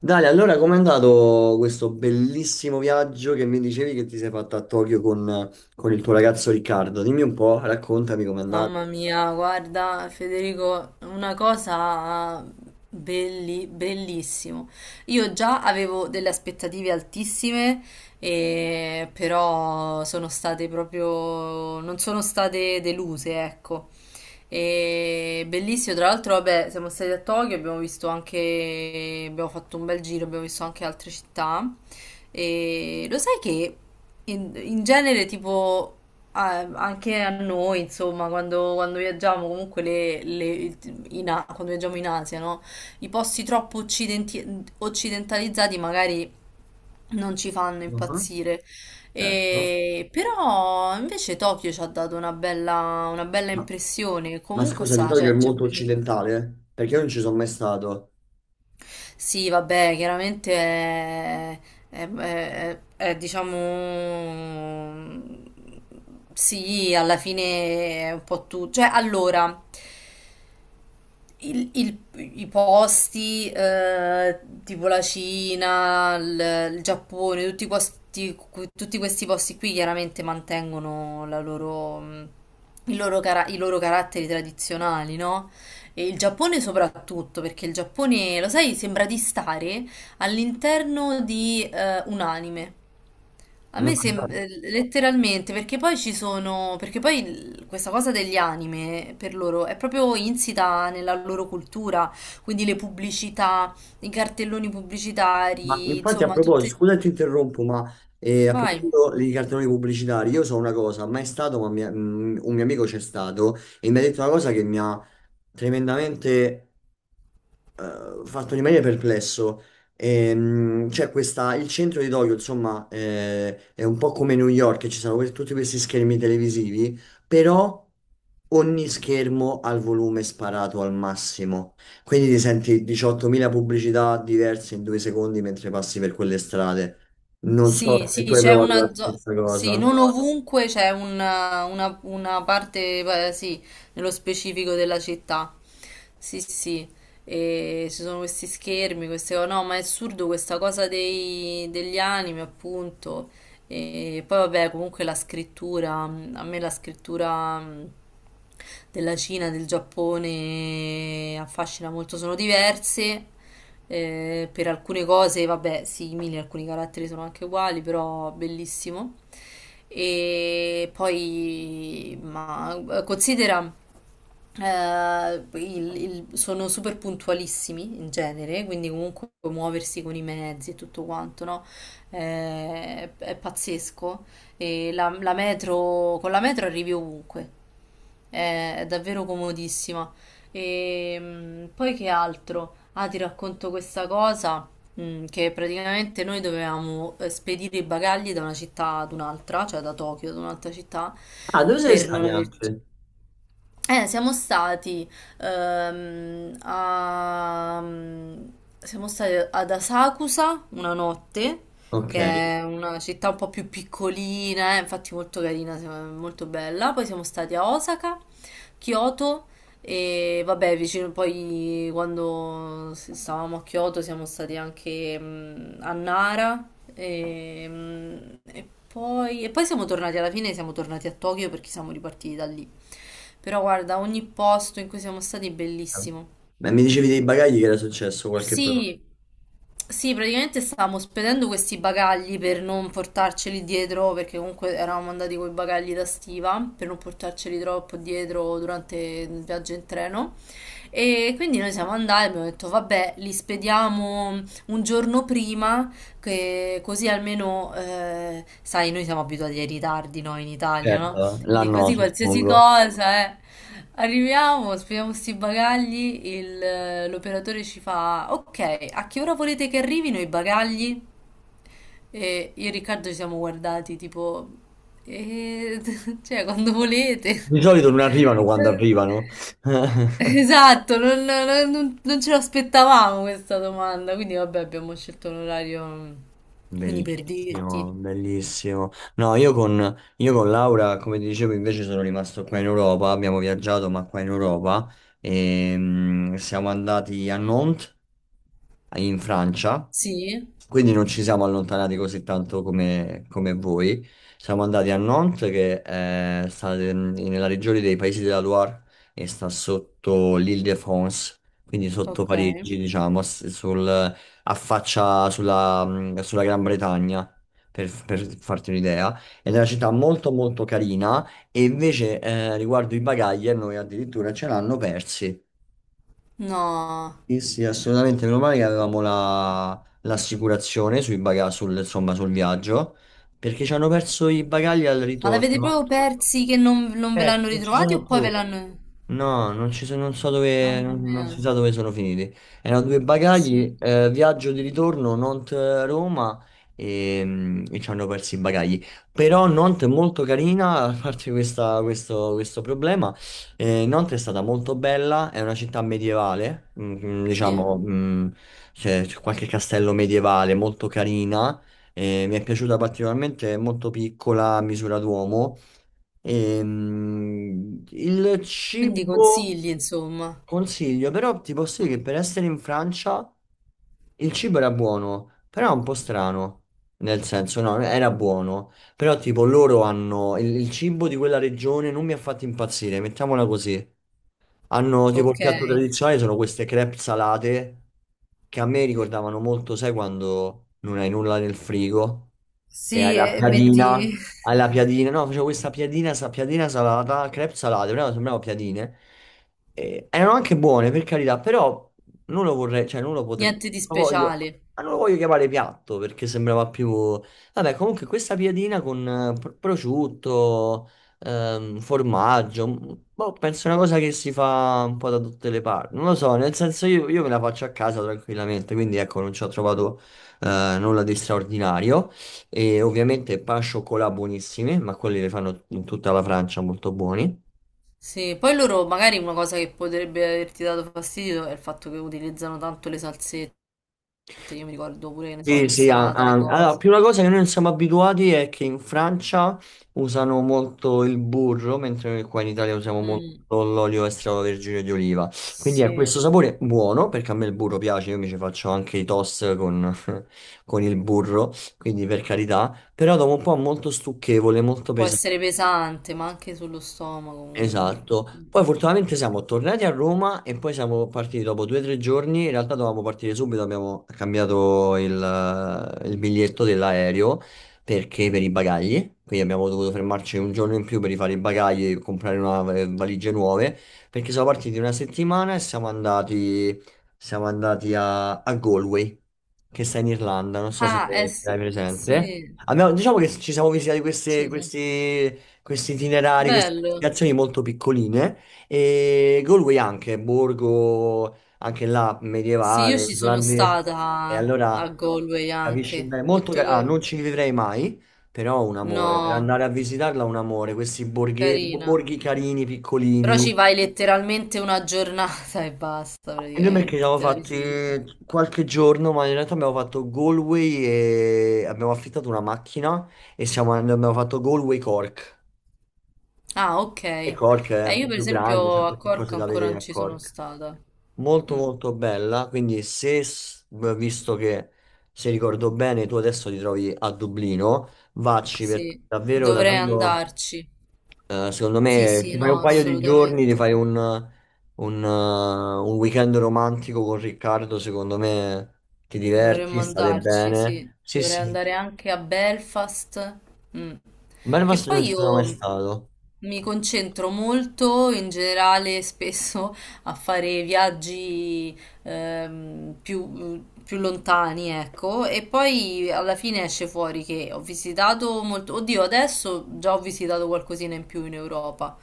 Dale, allora com'è andato questo bellissimo viaggio che mi dicevi che ti sei fatto a Tokyo con il tuo ragazzo Riccardo? Dimmi un po', raccontami com'è andato. Mamma mia, guarda Federico, una cosa bellissimo. Io già avevo delle aspettative altissime, però sono state proprio, non sono state deluse, ecco. E bellissimo, tra l'altro, vabbè, siamo stati a Tokyo, abbiamo visto anche, abbiamo fatto un bel giro, abbiamo visto anche altre città. E lo sai che in genere, tipo, anche a noi, insomma, quando viaggiamo, comunque quando viaggiamo in Asia, no? I posti troppo occidentalizzati magari non ci fanno Mhm. impazzire. Certo. Però invece Tokyo ci ha dato una bella Ma, impressione. ma Comunque scusami, sa, Tokyo è cioè, ci è molto piaciuto. occidentale, eh? Perché io non ci sono mai stato. Sì, vabbè, chiaramente è, è, diciamo... Sì, alla fine è un po' tutto. Cioè, allora, il- il- i posti, tipo la Cina, il Giappone, tutti questi, tutti questi posti qui chiaramente mantengono la loro, il loro i loro caratteri tradizionali, no? E il Giappone soprattutto, perché il Giappone, lo sai, sembra di stare all'interno di un anime. A No, me sembra letteralmente, perché poi ci sono, perché poi questa cosa degli anime per loro è proprio insita nella loro cultura, quindi le pubblicità, i cartelloni ma pubblicitari, infatti a insomma, proposito, tutte... scusa se ti interrompo, ma a Vai. proposito di cartoni pubblicitari, io so una cosa, mai stato, un mio amico c'è stato e mi ha detto una cosa che mi ha tremendamente fatto rimanere perplesso. C'è questa, il centro di Tokyo, insomma, è un po' come New York, che ci sono tutti questi schermi televisivi, però ogni schermo ha il volume sparato al massimo. Quindi ti senti 18.000 pubblicità diverse in 2 secondi mentre passi per quelle strade. Non so Sì, se sì, tu hai c'è provato la una zona. stessa Sì, cosa. non ovunque c'è una, una parte, sì, nello specifico della città. Sì, sì. E ci sono questi schermi, queste cose. No, ma è assurdo questa cosa degli anime, appunto. E poi, vabbè, comunque la scrittura, a me la scrittura, della Cina, del Giappone affascina molto, sono diverse, per alcune cose, vabbè, simili, alcuni caratteri sono anche uguali, però bellissimo. E poi, ma considera. Sono super puntualissimi in genere, quindi comunque muoversi con i mezzi e tutto quanto, no? È pazzesco. E la metro, con la metro arrivi ovunque, è davvero comodissima. E, poi che altro? Ah, ti racconto questa cosa, che praticamente noi dovevamo spedire i bagagli da una città ad un'altra, cioè da Tokyo ad un'altra città, Ah, dove sei per non stati aver... anche? Siamo stati, ehm, a- siamo stati ad Asakusa una notte, Ok. che è una città un po' più piccolina, infatti molto carina, molto bella. Poi siamo stati a Osaka, Kyoto e vabbè, vicino poi quando stavamo a Kyoto siamo stati anche a Nara e, e poi siamo tornati alla fine, siamo tornati a Tokyo perché siamo ripartiti da lì. Però guarda, ogni posto in cui siamo stati è bellissimo. Ma mi dicevi dei bagagli che era successo qualche problema? Sì, sì, praticamente stavamo spedendo questi bagagli per non portarceli dietro, perché comunque eravamo andati con i bagagli da stiva, per non portarceli troppo dietro durante il viaggio in treno. E quindi noi siamo andati, abbiamo detto, vabbè, li spediamo un giorno prima, che così almeno, sai, noi siamo abituati ai ritardi, noi in Italia, no? Certo, Quindi l'hanno, così qualsiasi suppongo. cosa, eh. Arriviamo, spieghiamo sti bagagli, l'operatore ci fa, ok, a che ora volete che arrivino i bagagli? E io e Riccardo ci siamo guardati tipo, "Eh, cioè quando volete." Di solito non arrivano quando arrivano. Esatto, non ce l'aspettavamo questa domanda, quindi vabbè abbiamo scelto un orario, quindi per dirti. Bellissimo, bellissimo. No, io con Laura, come ti dicevo, invece sono rimasto qua in Europa, abbiamo viaggiato, ma qua in Europa, e, siamo andati a Nantes, in Francia, Sì, quindi non ci siamo allontanati così tanto come, come voi. Siamo andati a Nantes, nella regione dei Paesi della Loire e sta sotto l'Île-de-France, quindi sotto ok. Parigi, diciamo, affaccia sulla, sulla Gran Bretagna, per farti un'idea. Ed è una città molto molto carina e invece riguardo i bagagli a noi addirittura ce l'hanno persi. No. Sì, sì, assolutamente, meno male che avevamo l'assicurazione sul, insomma, sul viaggio, perché ci hanno perso i bagagli al Ma l'avete ritorno. proprio persi che non, non ve Perso, l'hanno non ci ritrovati sono o poi ve più. l'hanno... No, non so dove, Mamma non, non mia, si sa dove sono finiti. Erano due bagagli, assurdo. Viaggio di ritorno, Nantes-Roma e, e ci hanno perso i bagagli. Però Nantes è molto carina, a parte questo, questo problema. Nantes è stata molto bella, è una città medievale, Sì. diciamo, c'è qualche castello medievale, molto carina. Mi è piaciuta particolarmente, è molto piccola, a misura d'uomo. Il Quindi cibo consigli, insomma. consiglio, però ti posso dire Mm. che per essere in Francia il cibo era buono, però un po' strano. Nel senso, no, era buono, però tipo loro hanno il cibo di quella regione non mi ha fatto impazzire, mettiamola così. Hanno tipo il Ok. piatto tradizionale sono queste crepe salate che a me ricordavano molto, sai, quando non hai nulla nel frigo. E Sì, e metti alla piadina, no, facevo questa piadina, piadina salata, crepe salate, però sembravano piadine. E erano anche buone, per carità, però non lo vorrei, cioè non lo potrei, niente di lo voglio, speciale. ma non lo voglio chiamare piatto perché sembrava più... Vabbè, comunque questa piadina con prosciutto, formaggio, boh, penso una cosa che si fa un po' da tutte le parti. Non lo so, nel senso io me la faccio a casa tranquillamente, quindi ecco, non ci ho trovato nulla di straordinario. E ovviamente pan chocolat buonissimi, ma quelli le fanno in tutta la Francia molto buoni. Sì, poi loro magari una cosa che potrebbe averti dato fastidio è il fatto che utilizzano tanto le salsette. Io mi ricordo pure, che ne so, Sì, sì, l'insalata, le allora, la cose. prima cosa che noi non siamo abituati è che in Francia usano molto il burro, mentre noi qua in Italia usiamo molto Mm, l'olio extravergine di oliva. Quindi è sì, questo sapore buono, perché a me il burro piace, io mi ci faccio anche i toast con, con il burro, quindi per carità, però dopo un po' è molto stucchevole, molto può pesante. essere pesante, ma anche sullo stomaco comunque. Esatto, Mm. poi fortunatamente siamo tornati a Roma e poi siamo partiti dopo 2 o 3 giorni, in realtà dovevamo partire subito, abbiamo cambiato il biglietto dell'aereo perché per i bagagli, quindi abbiamo dovuto fermarci un giorno in più per rifare i bagagli e comprare valigie nuove, perché siamo partiti una settimana e siamo andati a Galway, che sta in Irlanda, non so se Ah, eh hai sì, sì, presente. Diciamo che ci siamo visitati sì, sì. questi questi itinerari, queste Bello. destinazioni molto piccoline e Galway anche, borgo anche là Sì, io medievale, ci sono irlandese. E stata allora a Galway capisci bene, anche. molto Molto ah, che... non ci vivrei mai, però un amore, per No, andare a visitarla un amore, questi carina. borghi carini, Però piccolini. ci vai letteralmente una giornata e basta, E noi perché ci praticamente. siamo Te la visiti tutta. fatti qualche giorno, ma in realtà abbiamo fatto Galway e abbiamo affittato una macchina e abbiamo fatto Galway Cork. Ah, ok. E Cork è un Io po' per più grande, c'è un esempio po' a più Cork cose da ancora vedere non a ci sono Cork. stata. Molto Mm, molto bella, quindi se, s- visto che se ricordo bene, tu adesso ti trovi a Dublino, vacci perché sì, davvero, dovrei davvero, andarci. Secondo Sì, me sì, ti fai no, un paio di giorni, ti assolutamente. fai un weekend romantico con Riccardo, secondo me ti Dovremmo diverti, state andarci, sì. bene. Sì, Dovrei sì, andare anche a Belfast. Mm. Che Belfast non poi ci sono mai io stato. mi concentro molto in generale spesso a fare viaggi più lontani, ecco, e poi alla fine esce fuori che ho visitato molto. Oddio, adesso già ho visitato qualcosina in più in Europa.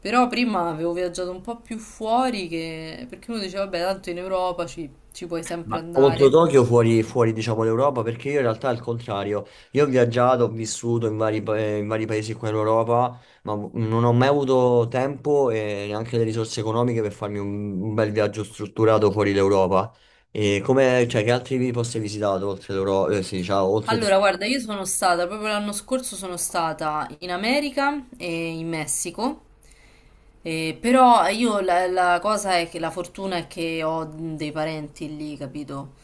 Però prima avevo viaggiato un po' più fuori che... perché uno diceva, vabbè, tanto in Europa ci puoi sempre Ma contro andare. Tokyo fuori, fuori diciamo l'Europa perché io in realtà è il contrario. Io ho viaggiato, ho vissuto in vari, in vari paesi qua in Europa, ma non ho mai avuto tempo e neanche le risorse economiche per farmi un bel viaggio strutturato fuori l'Europa. E come, cioè, che altri posti hai visitato oltre l'Europa? Sì, diciamo, oltre Allora, Tokyo? guarda, io sono stata, proprio l'anno scorso sono stata in America e in Messico, però io la cosa è che la fortuna è che ho dei parenti lì, capito?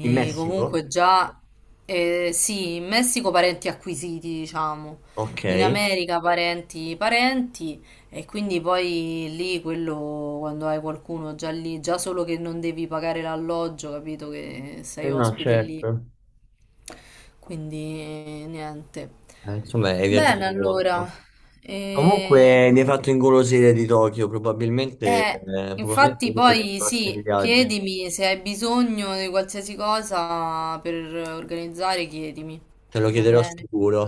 In comunque Messico? già, sì, in Messico parenti acquisiti, diciamo, Ok. in Eh America parenti parenti e quindi poi lì quello quando hai qualcuno già lì, già solo che non devi pagare l'alloggio, capito? Che sei no, ospite lì. certo. Quindi niente. Insomma, hai viaggiato Bene, allora. molto. E, Comunque mi hai fatto ingolosire di Tokyo, probabilmente, eh, probabilmente infatti uno dei poi prossimi sì, viaggi. chiedimi se hai bisogno di qualsiasi cosa per organizzare, chiedimi. Te lo Va chiederò bene? sicuro.